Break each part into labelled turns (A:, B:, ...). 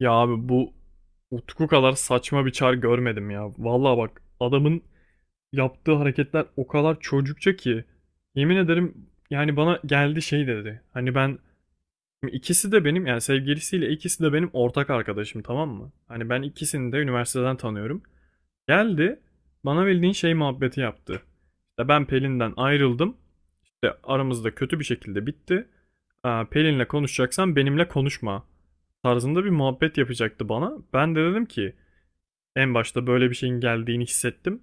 A: Ya abi bu Utku kadar saçma bir çar görmedim ya. Vallahi bak adamın yaptığı hareketler o kadar çocukça ki yemin ederim yani bana geldi şey dedi. Hani ben ikisi de benim yani sevgilisiyle ikisi de benim ortak arkadaşım, tamam mı? Hani ben ikisini de üniversiteden tanıyorum. Geldi bana bildiğin şey muhabbeti yaptı. İşte ben Pelin'den ayrıldım de aramızda kötü bir şekilde bitti. Aa, Pelin'le konuşacaksan benimle konuşma tarzında bir muhabbet yapacaktı bana. Ben de dedim ki en başta böyle bir şeyin geldiğini hissettim.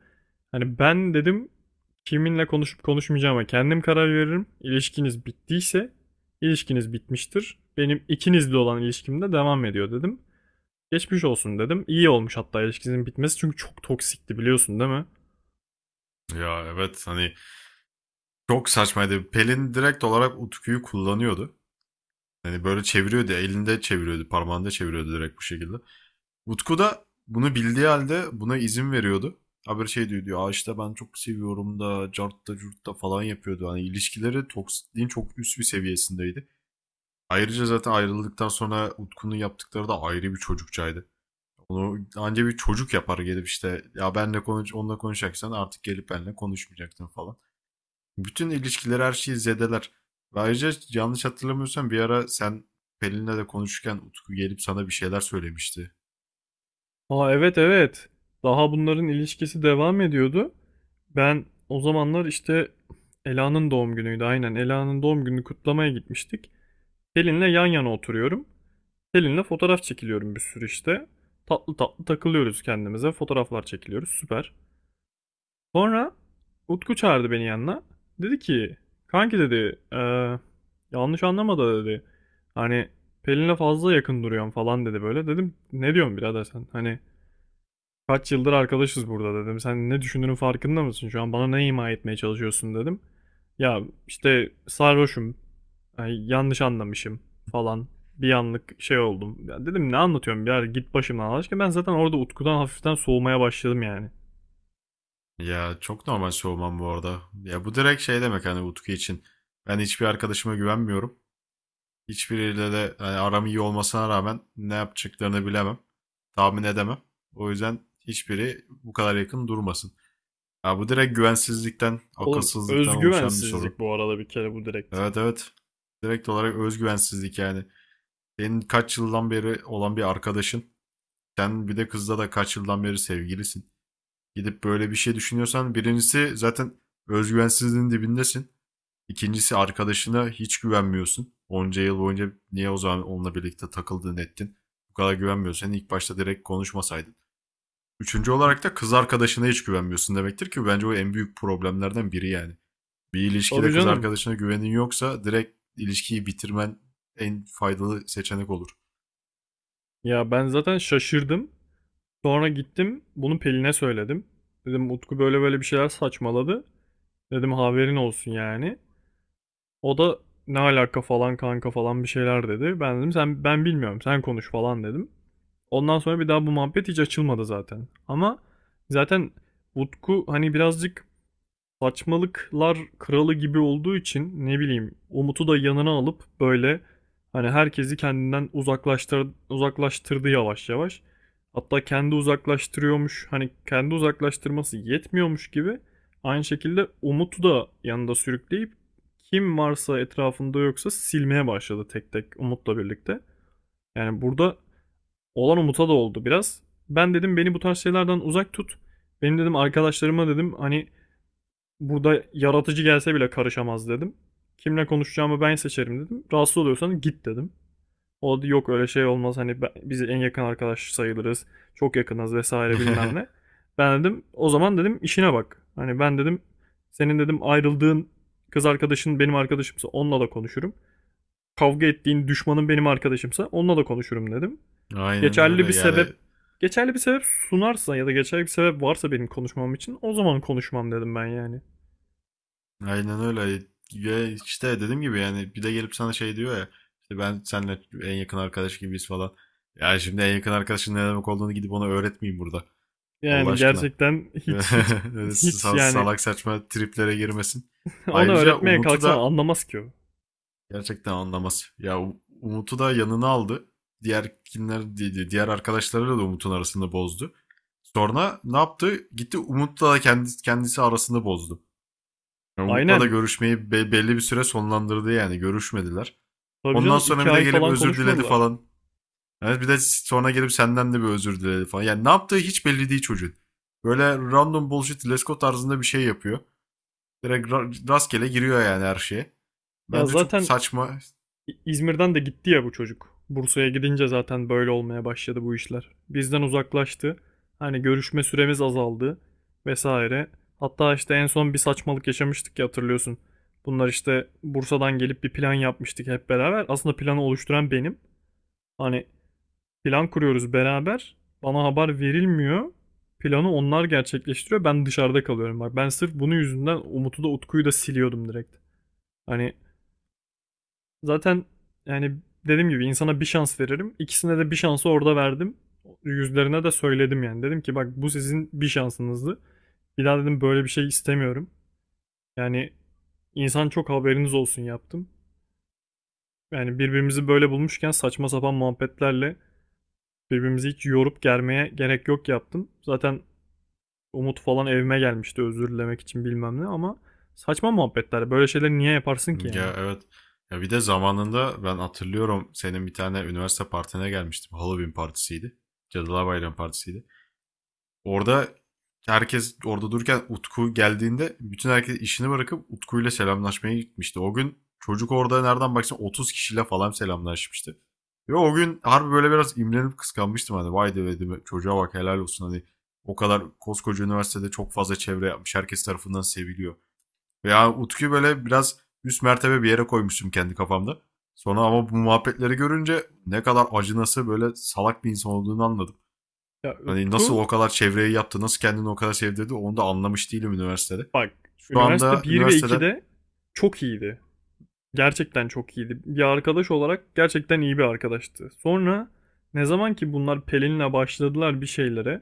A: Hani ben dedim kiminle konuşup konuşmayacağıma kendim karar veririm. İlişkiniz bittiyse ilişkiniz bitmiştir. Benim ikinizle olan ilişkim de devam ediyor dedim. Geçmiş olsun dedim. İyi olmuş hatta ilişkinizin bitmesi çünkü çok toksikti, biliyorsun değil mi?
B: Ya evet hani çok saçmaydı. Pelin direkt olarak Utku'yu kullanıyordu. Hani böyle çeviriyordu, elinde çeviriyordu, parmağında çeviriyordu direkt bu şekilde. Utku da bunu bildiği halde buna izin veriyordu. Haberi şey diyor, "Aa işte ben çok seviyorum da, cart da, curt da falan yapıyordu. Hani ilişkileri toksikliğin çok üst bir seviyesindeydi. Ayrıca zaten ayrıldıktan sonra Utku'nun yaptıkları da ayrı bir çocukçaydı. Onu anca bir çocuk yapar gelip işte ya benle konuş onunla konuşacaksan artık gelip benle konuşmayacaktın falan. Bütün ilişkileri her şeyi zedeler. Ve ayrıca yanlış hatırlamıyorsam bir ara sen Pelin'le de konuşurken Utku gelip sana bir şeyler söylemişti.
A: Aa, evet evet. Daha bunların ilişkisi devam ediyordu. Ben o zamanlar işte Ela'nın doğum günüydü. Aynen Ela'nın doğum gününü kutlamaya gitmiştik. Selin'le yan yana oturuyorum. Selin'le fotoğraf çekiliyorum bir sürü işte. Tatlı tatlı takılıyoruz kendimize. Fotoğraflar çekiliyoruz. Süper. Sonra Utku çağırdı beni yanına. Dedi ki kanki dedi, yanlış anlama da dedi. Hani Pelin'le fazla yakın duruyorsun falan dedi böyle. Dedim ne diyorsun birader sen? Hani kaç yıldır arkadaşız burada dedim. Sen ne düşündüğünün farkında mısın? Şu an bana ne ima etmeye çalışıyorsun dedim. Ya işte sarhoşum. Ay, yanlış anlamışım falan. Bir anlık şey oldum. Ya dedim ne anlatıyorum ya git başımdan Allah aşkına. Ben zaten orada Utku'dan hafiften soğumaya başladım yani.
B: Ya çok normal soğumam bu arada. Ya bu direkt şey demek hani Utku için. Ben hiçbir arkadaşıma güvenmiyorum. Hiçbiriyle de hani aram iyi olmasına rağmen ne yapacaklarını bilemem. Tahmin edemem. O yüzden hiçbiri bu kadar yakın durmasın. Ya bu direkt güvensizlikten,
A: Oğlum
B: akılsızlıktan oluşan bir
A: özgüvensizlik
B: sorun.
A: bu arada, bir kere bu direkt.
B: Evet evet. Direkt olarak özgüvensizlik yani. Senin kaç yıldan beri olan bir arkadaşın. Sen bir de kızla da kaç yıldan beri sevgilisin. Gidip böyle bir şey düşünüyorsan birincisi zaten özgüvensizliğin dibindesin. İkincisi arkadaşına hiç güvenmiyorsun. Onca yıl boyunca niye o zaman onunla birlikte takıldın ettin? Bu kadar güvenmiyorsan ilk başta direkt konuşmasaydın. Üçüncü olarak da kız arkadaşına hiç güvenmiyorsun demektir ki bence o en büyük problemlerden biri yani. Bir
A: Tabii
B: ilişkide kız
A: canım.
B: arkadaşına güvenin yoksa direkt ilişkiyi bitirmen en faydalı seçenek olur.
A: Ya ben zaten şaşırdım. Sonra gittim bunu Pelin'e söyledim. Dedim Utku böyle böyle bir şeyler saçmaladı. Dedim haberin olsun yani. O da ne alaka falan kanka falan bir şeyler dedi. Ben dedim sen, ben bilmiyorum sen konuş falan dedim. Ondan sonra bir daha bu muhabbet hiç açılmadı zaten. Ama zaten Utku hani birazcık saçmalıklar kralı gibi olduğu için ne bileyim Umut'u da yanına alıp böyle hani herkesi kendinden uzaklaştırdı yavaş yavaş. Hatta kendi uzaklaştırıyormuş, hani kendi uzaklaştırması yetmiyormuş gibi aynı şekilde Umut'u da yanında sürükleyip kim varsa etrafında yoksa silmeye başladı tek tek Umut'la birlikte. Yani burada olan Umut'a da oldu biraz. Ben dedim beni bu tarz şeylerden uzak tut. Benim dedim arkadaşlarıma dedim hani burada yaratıcı gelse bile karışamaz dedim. Kimle konuşacağımı ben seçerim dedim. Rahatsız oluyorsan git dedim. O da yok öyle şey olmaz hani biz en yakın arkadaş sayılırız. Çok yakınız vesaire bilmem ne. Ben dedim o zaman dedim işine bak. Hani ben dedim senin dedim ayrıldığın kız arkadaşın benim arkadaşımsa onunla da konuşurum. Kavga ettiğin düşmanın benim arkadaşımsa onunla da konuşurum dedim.
B: Aynen öyle
A: Geçerli bir
B: yani
A: sebep geçerli bir sebep sunarsa ya da geçerli bir sebep varsa benim konuşmam için o zaman konuşmam dedim ben yani.
B: aynen öyle ya işte dediğim gibi yani bir de gelip sana şey diyor ya işte ben seninle en yakın arkadaş gibiyiz falan. Ya şimdi en yakın arkadaşın ne demek olduğunu gidip ona öğretmeyeyim burada. Allah
A: Yani
B: aşkına.
A: gerçekten hiç hiç hiç yani
B: Salak saçma triplere girmesin.
A: onu
B: Ayrıca
A: öğretmeye
B: Umut'u
A: kalksan
B: da
A: anlamaz ki o.
B: gerçekten anlamaz. Ya Umut'u da yanına aldı. Diğer kimler di- di- Diğer arkadaşlarıyla da Umut'un arasını bozdu. Sonra ne yaptı? Gitti Umut'la da kendisi arasını bozdu. Yani Umut'la da
A: Aynen.
B: görüşmeyi belli bir süre sonlandırdı yani görüşmediler.
A: Tabii
B: Ondan
A: canım
B: sonra
A: iki
B: bir de
A: ay
B: gelip
A: falan
B: özür diledi
A: konuşmadılar.
B: falan. Yani bir de sonra gelip senden de bir özür diledi falan. Yani ne yaptığı hiç belli değil çocuğun. Böyle random bullshit Lesko tarzında bir şey yapıyor. Direkt rastgele giriyor yani her şeye.
A: Ya
B: Bence çok
A: zaten
B: saçma.
A: İzmir'den de gitti ya bu çocuk. Bursa'ya gidince zaten böyle olmaya başladı bu işler. Bizden uzaklaştı. Hani görüşme süremiz azaldı vesaire. Hatta işte en son bir saçmalık yaşamıştık ya hatırlıyorsun. Bunlar işte Bursa'dan gelip bir plan yapmıştık hep beraber. Aslında planı oluşturan benim. Hani plan kuruyoruz beraber. Bana haber verilmiyor. Planı onlar gerçekleştiriyor. Ben dışarıda kalıyorum. Bak ben sırf bunun yüzünden Umut'u da Utku'yu da siliyordum direkt. Hani zaten yani dediğim gibi insana bir şans veririm. İkisine de bir şansı orada verdim. Yüzlerine de söyledim yani. Dedim ki bak bu sizin bir şansınızdı. Bir daha dedim böyle bir şey istemiyorum. Yani insan çok haberiniz olsun yaptım. Yani birbirimizi böyle bulmuşken saçma sapan muhabbetlerle birbirimizi hiç yorup germeye gerek yok yaptım. Zaten Umut falan evime gelmişti özür dilemek için bilmem ne ama saçma muhabbetler. Böyle şeyleri niye yaparsın ki
B: Ya
A: yani?
B: evet. Ya bir de zamanında ben hatırlıyorum senin bir tane üniversite partine gelmiştim. Halloween partisiydi. Cadılar Bayramı partisiydi. Orada herkes orada dururken Utku geldiğinde bütün herkes işini bırakıp Utku'yla selamlaşmaya gitmişti. O gün çocuk orada nereden baksan 30 kişiyle falan selamlaşmıştı. Ve o gün harbi böyle biraz imrenip kıskanmıştım hani vay dedim çocuğa bak helal olsun hani o kadar koskoca üniversitede çok fazla çevre yapmış herkes tarafından seviliyor. Veya Utku'yu böyle biraz üst mertebe bir yere koymuştum kendi kafamda. Sonra ama bu muhabbetleri görünce ne kadar acınası böyle salak bir insan olduğunu anladım.
A: Ya
B: Hani nasıl
A: Utku
B: o kadar çevreyi yaptı, nasıl kendini o kadar sevdirdi onu da anlamış değilim üniversitede.
A: bak
B: Şu
A: üniversite
B: anda
A: bir ve
B: üniversiteden
A: 2'de çok iyiydi. Gerçekten çok iyiydi. Bir arkadaş olarak gerçekten iyi bir arkadaştı. Sonra ne zaman ki bunlar Pelin'le başladılar bir şeylere,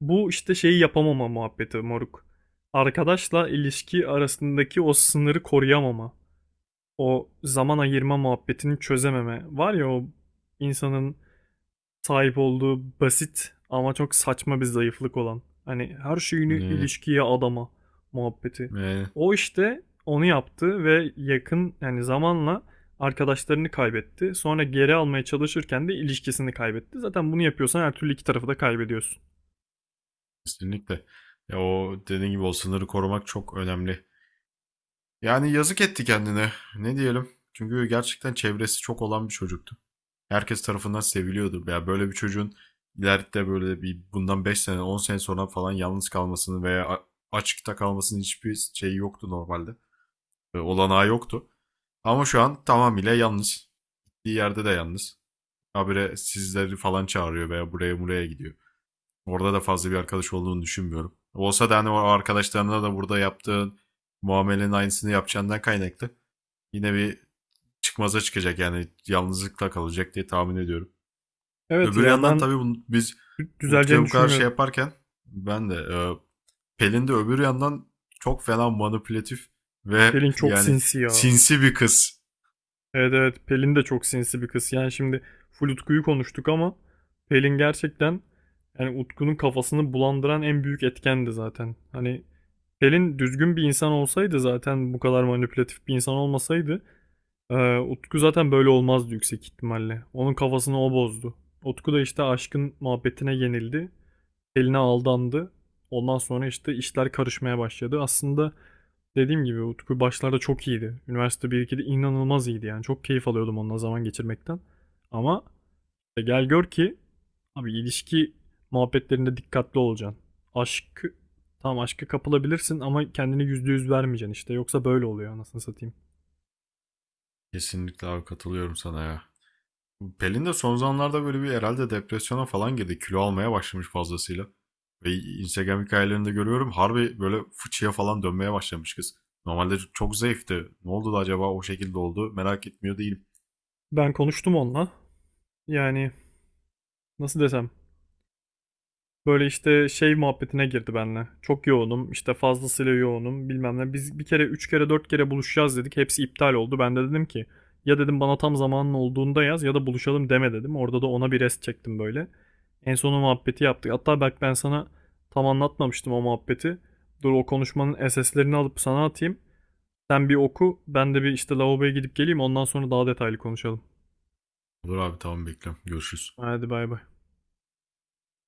A: bu işte şeyi yapamama muhabbeti moruk. Arkadaşla ilişki arasındaki o sınırı koruyamama. O zaman ayırma muhabbetini çözememe. Var ya o insanın sahip olduğu basit ama çok saçma bir zayıflık olan. Hani her şeyini
B: e,
A: ilişkiye adama muhabbeti.
B: e,
A: O işte onu yaptı ve yakın yani zamanla arkadaşlarını kaybetti. Sonra geri almaya çalışırken de ilişkisini kaybetti. Zaten bunu yapıyorsan her türlü iki tarafı da kaybediyorsun.
B: kesinlikle ya o dediğin gibi o sınırı korumak çok önemli. Yani yazık etti kendine. Ne diyelim? Çünkü gerçekten çevresi çok olan bir çocuktu. Herkes tarafından seviliyordu. Ya böyle bir çocuğun ileride böyle bir bundan 5 sene 10 sene sonra falan yalnız kalmasını veya açıkta kalmasının hiçbir şeyi yoktu normalde. Olanağı yoktu. Ama şu an tamamıyla yalnız. Gittiği yerde de yalnız. Habire sizleri falan çağırıyor veya buraya buraya gidiyor. Orada da fazla bir arkadaş olduğunu düşünmüyorum. Olsa da hani o arkadaşlarına da burada yaptığın muamelenin aynısını yapacağından kaynaklı. Yine bir çıkmaza çıkacak yani yalnızlıkla kalacak diye tahmin ediyorum.
A: Evet
B: Öbür
A: ya
B: yandan
A: ben
B: tabii biz Utku'ya
A: düzeleceğini
B: bu kadar şey
A: düşünmüyorum.
B: yaparken ben de Pelin de öbür yandan çok fena manipülatif ve
A: Pelin çok
B: yani
A: sinsi ya.
B: sinsi bir kız.
A: Evet evet Pelin de çok sinsi bir kız. Yani şimdi full Utku'yu konuştuk ama Pelin gerçekten yani Utku'nun kafasını bulandıran en büyük etkendi zaten. Hani Pelin düzgün bir insan olsaydı, zaten bu kadar manipülatif bir insan olmasaydı Utku zaten böyle olmazdı yüksek ihtimalle. Onun kafasını o bozdu. Utku da işte aşkın muhabbetine yenildi. Pelin'e aldandı. Ondan sonra işte işler karışmaya başladı. Aslında dediğim gibi Utku başlarda çok iyiydi. Üniversite 1-2'de inanılmaz iyiydi yani. Çok keyif alıyordum onunla zaman geçirmekten. Ama gel gör ki abi ilişki muhabbetlerinde dikkatli olacaksın. Aşkı Tam aşka kapılabilirsin ama kendini %100 vermeyeceksin işte. Yoksa böyle oluyor anasını satayım.
B: Kesinlikle abi katılıyorum sana ya. Pelin de son zamanlarda böyle bir herhalde depresyona falan girdi. Kilo almaya başlamış fazlasıyla. Ve Instagram hikayelerinde görüyorum harbi böyle fıçıya falan dönmeye başlamış kız. Normalde çok zayıftı. Ne oldu da acaba o şekilde oldu merak etmiyor değilim.
A: Ben konuştum onunla. Yani nasıl desem böyle işte şey muhabbetine girdi benimle. Çok yoğunum, işte fazlasıyla yoğunum bilmem ne. Biz bir kere, üç kere, dört kere buluşacağız dedik. Hepsi iptal oldu. Ben de dedim ki ya dedim bana tam zamanın olduğunda yaz ya da buluşalım deme dedim. Orada da ona bir rest çektim böyle. En sonu muhabbeti yaptık. Hatta bak ben sana tam anlatmamıştım o muhabbeti. Dur o konuşmanın SS'lerini alıp sana atayım. Sen bir oku, ben de bir işte lavaboya gidip geleyim. Ondan sonra daha detaylı konuşalım.
B: Olur abi tamam bekliyorum. Görüşürüz.
A: Hadi bay bay.